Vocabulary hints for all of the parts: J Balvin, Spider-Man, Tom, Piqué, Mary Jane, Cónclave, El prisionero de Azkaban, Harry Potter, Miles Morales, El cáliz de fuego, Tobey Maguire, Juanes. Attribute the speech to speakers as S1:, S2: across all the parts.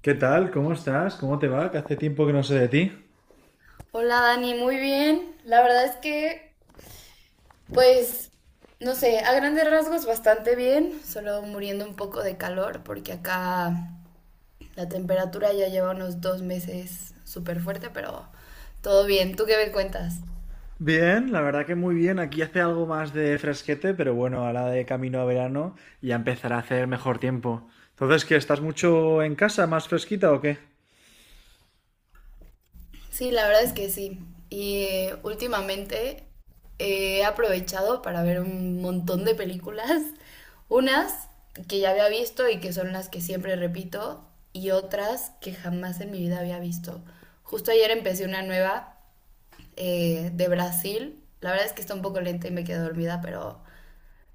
S1: ¿Qué tal? ¿Cómo estás? ¿Cómo te va? Que hace tiempo que no sé de ti.
S2: Hola Dani, muy bien. La verdad es que, pues, no sé, a grandes rasgos bastante bien, solo muriendo un poco de calor porque acá la temperatura ya lleva unos 2 meses súper fuerte, pero todo bien. ¿Tú qué me cuentas?
S1: Bien, la verdad que muy bien. Aquí hace algo más de fresquete, pero bueno, ahora de camino a verano ya empezará a hacer mejor tiempo. Entonces, ¿qué? ¿Estás mucho en casa, más fresquita o qué?
S2: Sí, la verdad es que sí. Y últimamente he aprovechado para ver un montón de películas, unas que ya había visto y que son las que siempre repito, y otras que jamás en mi vida había visto. Justo ayer empecé una nueva de Brasil. La verdad es que está un poco lenta y me quedé dormida, pero,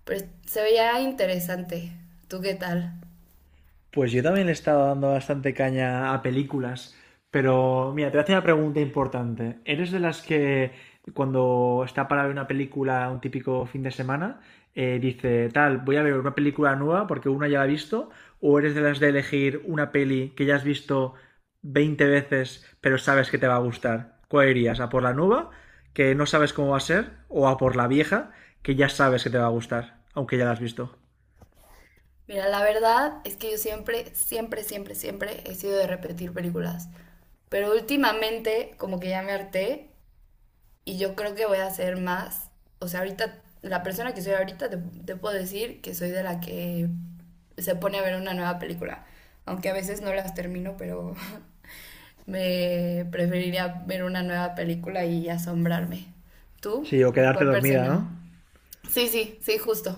S2: pero se veía interesante. ¿Tú qué tal?
S1: Pues yo también le he estado dando bastante caña a películas, pero mira, te voy a hacer una pregunta importante. ¿Eres de las que cuando está para ver una película un típico fin de semana, dice, tal, voy a ver una película nueva porque una ya la he visto? ¿O eres de las de elegir una peli que ya has visto 20 veces pero sabes que te va a gustar? ¿Cuál irías? ¿A por la nueva, que no sabes cómo va a ser? ¿O a por la vieja, que ya sabes que te va a gustar, aunque ya la has visto?
S2: Mira, la verdad es que yo siempre, siempre, siempre, siempre he sido de repetir películas. Pero últimamente como que ya me harté y yo creo que voy a hacer más. O sea, ahorita, la persona que soy ahorita, te puedo decir que soy de la que se pone a ver una nueva película. Aunque a veces no las termino, pero me preferiría ver una nueva película y asombrarme. ¿Tú?
S1: Sí, o quedarte
S2: ¿Cuál
S1: dormida,
S2: persona?
S1: ¿no?
S2: Sí, sí, sí, justo.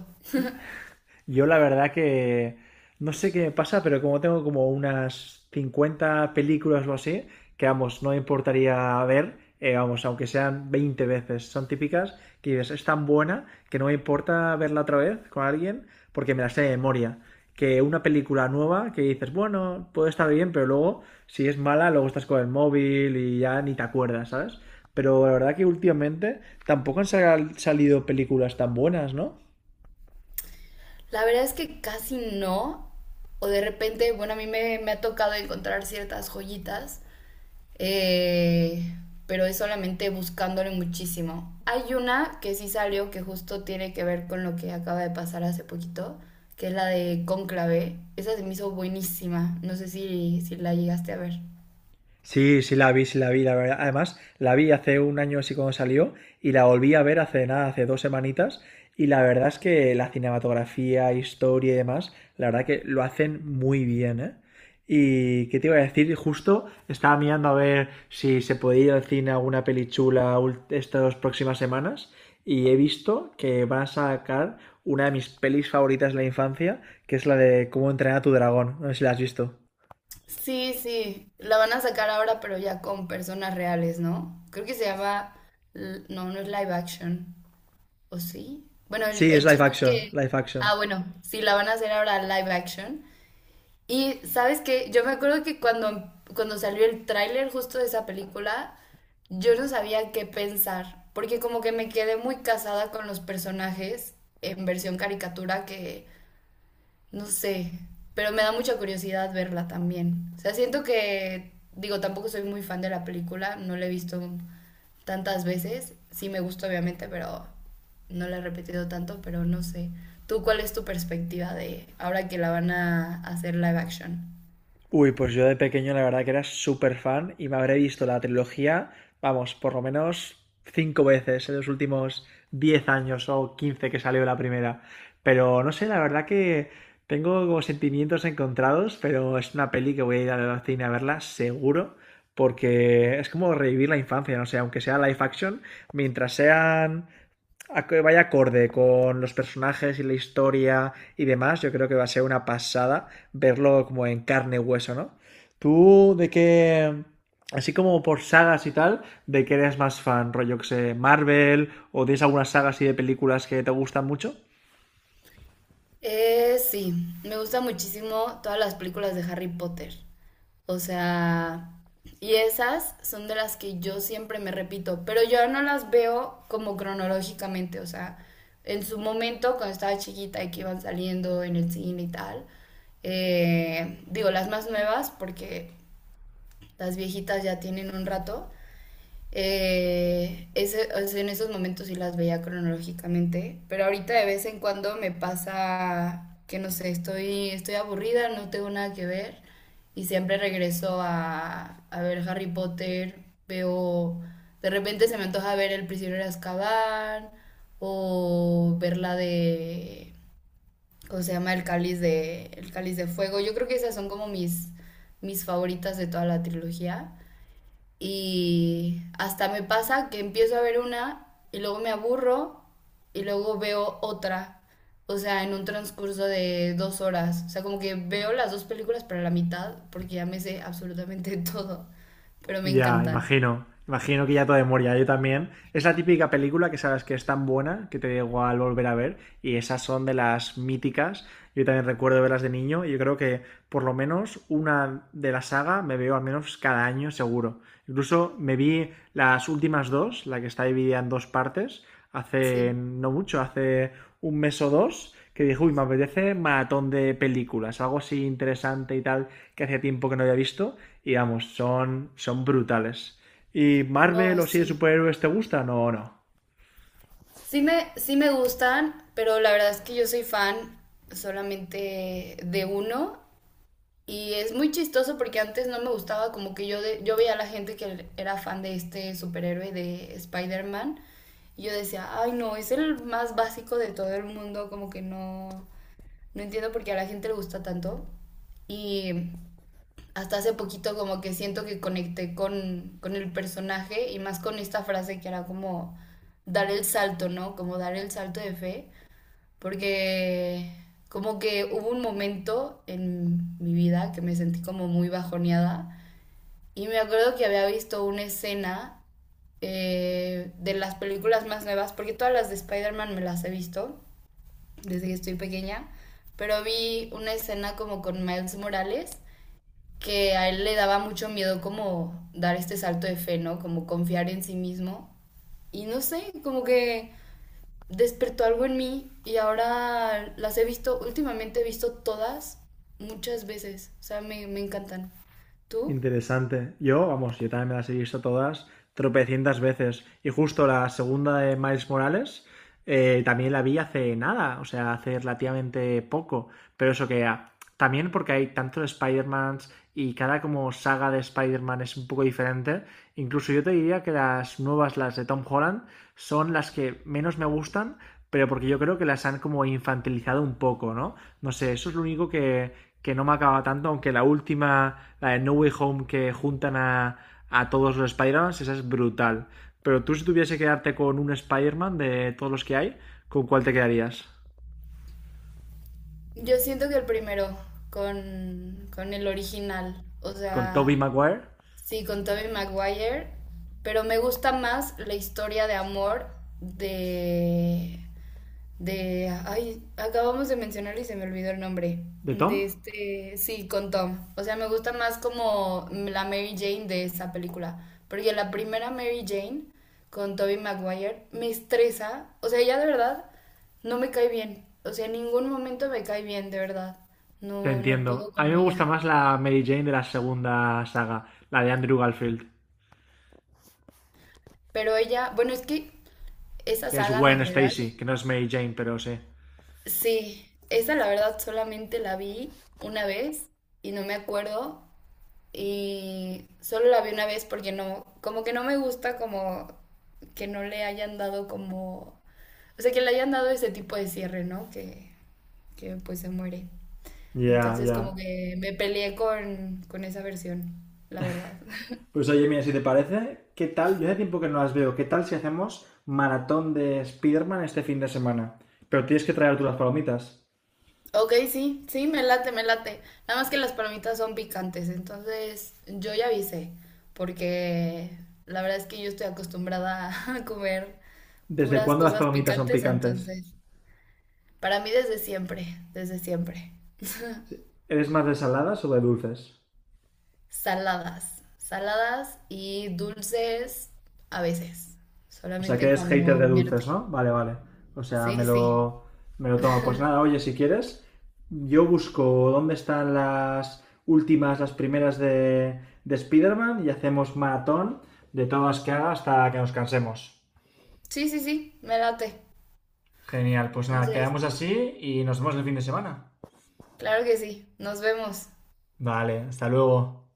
S1: Yo la verdad que no sé qué me pasa, pero como tengo como unas 50 películas o así, que vamos, no me importaría ver, aunque sean 20 veces, son típicas, que dices, es tan buena que no me importa verla otra vez con alguien porque me la sé de memoria. Que una película nueva que dices, bueno, puede estar bien, pero luego, si es mala, luego estás con el móvil y ya ni te acuerdas, ¿sabes? Pero la verdad que últimamente tampoco han salido películas tan buenas, ¿no?
S2: La verdad es que casi no. O de repente, bueno, a mí me ha tocado encontrar ciertas joyitas, eh, pero es solamente buscándole muchísimo. Hay una que sí salió que justo tiene que ver con lo que acaba de pasar hace poquito, que es la de Cónclave. Esa se me hizo buenísima. No sé si la llegaste a ver.
S1: Sí, sí la vi, la verdad. Además, la vi hace un año así cuando salió y la volví a ver hace nada, hace 2 semanitas. Y la verdad es que la cinematografía, historia y demás, la verdad que lo hacen muy bien, ¿eh? Y qué te iba a decir, justo estaba mirando a ver si se podía ir al cine a alguna peli chula estas próximas semanas y he visto que van a sacar una de mis pelis favoritas de la infancia, que es la de Cómo entrenar a tu dragón. No sé si la has visto.
S2: Sí, sí. La van a sacar ahora, pero ya con personas reales, ¿no? Creo que se llama... No, no es live action. ¿O sí? Bueno,
S1: Sí,
S2: el
S1: es live
S2: chiste es
S1: action,
S2: que,
S1: live action.
S2: ah, bueno, sí, la van a hacer ahora live action. Y sabes qué, yo me acuerdo que cuando salió el tráiler justo de esa película, yo no sabía qué pensar, porque como que me quedé muy casada con los personajes en versión caricatura que, no sé, pero me da mucha curiosidad verla también. O sea, siento que, digo, tampoco soy muy fan de la película, no la he visto tantas veces. Sí me gusta, obviamente, pero no la he repetido tanto, pero no sé. ¿Tú cuál es tu perspectiva de ahora que la van a hacer live action?
S1: Uy, pues yo de pequeño la verdad que era súper fan y me habré visto la trilogía, vamos, por lo menos cinco veces en los últimos 10 años o 15 que salió la primera. Pero no sé, la verdad que tengo como sentimientos encontrados, pero es una peli que voy a ir al cine a verla seguro, porque es como revivir la infancia, no sé, aunque sea live action, mientras sean a que vaya acorde con los personajes y la historia y demás, yo creo que va a ser una pasada verlo como en carne y hueso, ¿no? Tú, de qué, así como por sagas y tal, ¿de qué eres más fan, rollo que sé, Marvel, o tienes algunas sagas así de películas que te gustan mucho?
S2: Sí, me gusta muchísimo todas las películas de Harry Potter. O sea, y esas son de las que yo siempre me repito, pero yo no las veo como cronológicamente, o sea, en su momento cuando estaba chiquita y que iban saliendo en el cine y tal, digo las más nuevas porque las viejitas ya tienen un rato, o sea, en esos momentos sí las veía cronológicamente, pero ahorita de vez en cuando me pasa que no sé, estoy aburrida, no tengo nada que ver y siempre regreso a ver Harry Potter, veo, de repente se me antoja ver El prisionero de Azkaban o ver la de, ¿cómo se llama? El cáliz de fuego. Yo creo que esas son como mis favoritas de toda la trilogía. Y hasta me pasa que empiezo a ver una y luego me aburro y luego veo otra. O sea, en un transcurso de 2 horas. O sea, como que veo las dos películas para la mitad porque ya me sé absolutamente todo. Pero me
S1: Ya,
S2: encantan.
S1: imagino. Imagino que ya todo de memoria, yo también. Es la típica película que sabes que es tan buena que te da igual volver a ver y esas son de las míticas. Yo también recuerdo verlas de niño y yo creo que por lo menos una de la saga me veo al menos cada año seguro. Incluso me vi las últimas dos, la que está dividida en dos partes, hace
S2: Sí.
S1: no mucho, hace un mes o dos, que dije, uy, me apetece maratón de películas, algo así interesante y tal que hacía tiempo que no había visto y vamos, son brutales. ¿Y Marvel
S2: No,
S1: o si de
S2: sí.
S1: superhéroes te gustan o no?
S2: Sí me gustan, pero la verdad es que yo soy fan solamente de uno. Y es muy chistoso porque antes no me gustaba, como que yo, yo veía a la gente que era fan de este superhéroe de Spider-Man. Y yo decía, ay no, es el más básico de todo el mundo, como que no, no entiendo por qué a la gente le gusta tanto. Y hasta hace poquito como que siento que conecté con el personaje y más con esta frase que era como dar el salto, ¿no? Como dar el salto de fe porque como que hubo un momento en mi vida que me sentí como muy bajoneada y me acuerdo que había visto una escena de las películas más nuevas, porque todas las de Spider-Man me las he visto desde que estoy pequeña, pero vi una escena como con Miles Morales que a él le daba mucho miedo como dar este salto de fe, ¿no? Como confiar en sí mismo. Y no sé, como que despertó algo en mí y ahora las he visto, últimamente he visto todas muchas veces, o sea, me encantan. ¿Tú?
S1: Interesante. Yo, vamos, yo también me las he visto todas tropecientas veces y justo la segunda de Miles Morales también la vi hace nada, o sea, hace relativamente poco, pero eso que ah, también porque hay tantos Spider-Mans y cada como saga de Spider-Man es un poco diferente. Incluso yo te diría que las nuevas, las de Tom Holland, son las que menos me gustan pero porque yo creo que las han como infantilizado un poco, ¿no? No sé, eso es lo único que no me acaba tanto, aunque la última, la de No Way Home, que juntan a todos los Spider-Man, esa es brutal. Pero tú si tuviese que quedarte con un Spider-Man de todos los que hay, ¿con cuál te quedarías?
S2: Yo siento que el primero, con el original, o
S1: ¿Con Tobey
S2: sea,
S1: Maguire?
S2: sí, con Tobey Maguire, pero me gusta más la historia de amor de ay, acabamos de mencionar y se me olvidó el nombre.
S1: ¿De Tom?
S2: De este, sí, con Tom. O sea, me gusta más como la Mary Jane de esa película. Porque la primera Mary Jane con Tobey Maguire me estresa. O sea, ella de verdad no me cae bien. O sea, en ningún momento me cae bien, de verdad.
S1: Te
S2: No, no puedo
S1: entiendo. A mí
S2: con
S1: me gusta
S2: ella.
S1: más la Mary Jane de la segunda saga, la de Andrew Garfield,
S2: Pero ella, bueno, es que esa
S1: que es
S2: saga, ¿me
S1: Gwen
S2: creerás?
S1: Stacy, que no es Mary Jane, pero sí.
S2: Sí, esa la verdad solamente la vi una vez y no me acuerdo y solo la vi una vez porque no, como que no me gusta como que no le hayan dado como, o sea, que le hayan dado ese tipo de cierre, ¿no? Que pues se muere.
S1: Ya, yeah, ya.
S2: Entonces
S1: Yeah.
S2: como que me peleé con esa versión, la verdad.
S1: Pues oye, mira, si te parece, ¿qué tal? Yo hace tiempo que no las veo. ¿Qué tal si hacemos maratón de Spiderman este fin de semana? Pero tienes que traer tú las palomitas.
S2: Ok, sí, sí, me late, me late. Nada más que las palomitas son picantes, entonces yo ya avisé, porque la verdad es que yo estoy acostumbrada a comer
S1: ¿Desde
S2: puras
S1: cuándo las
S2: cosas
S1: palomitas son
S2: picantes,
S1: picantes?
S2: entonces... Para mí desde siempre, desde siempre.
S1: Sí. ¿Eres más de saladas o de dulces?
S2: Saladas, saladas y dulces a veces,
S1: O sea, que
S2: solamente
S1: eres hater
S2: cuando
S1: de dulces,
S2: mierte.
S1: ¿no? Vale, vale. O sea, me
S2: Sí,
S1: lo,
S2: sí.
S1: me lo tomo. Pues nada, oye, si quieres, yo busco dónde están las últimas, las primeras de, Spiderman y hacemos maratón de todas las que haga hasta que nos cansemos.
S2: Sí, sí, sí, me late.
S1: Genial, pues nada,
S2: Entonces,
S1: quedamos así y nos vemos el fin de semana.
S2: claro que sí. Nos vemos.
S1: Vale, hasta luego.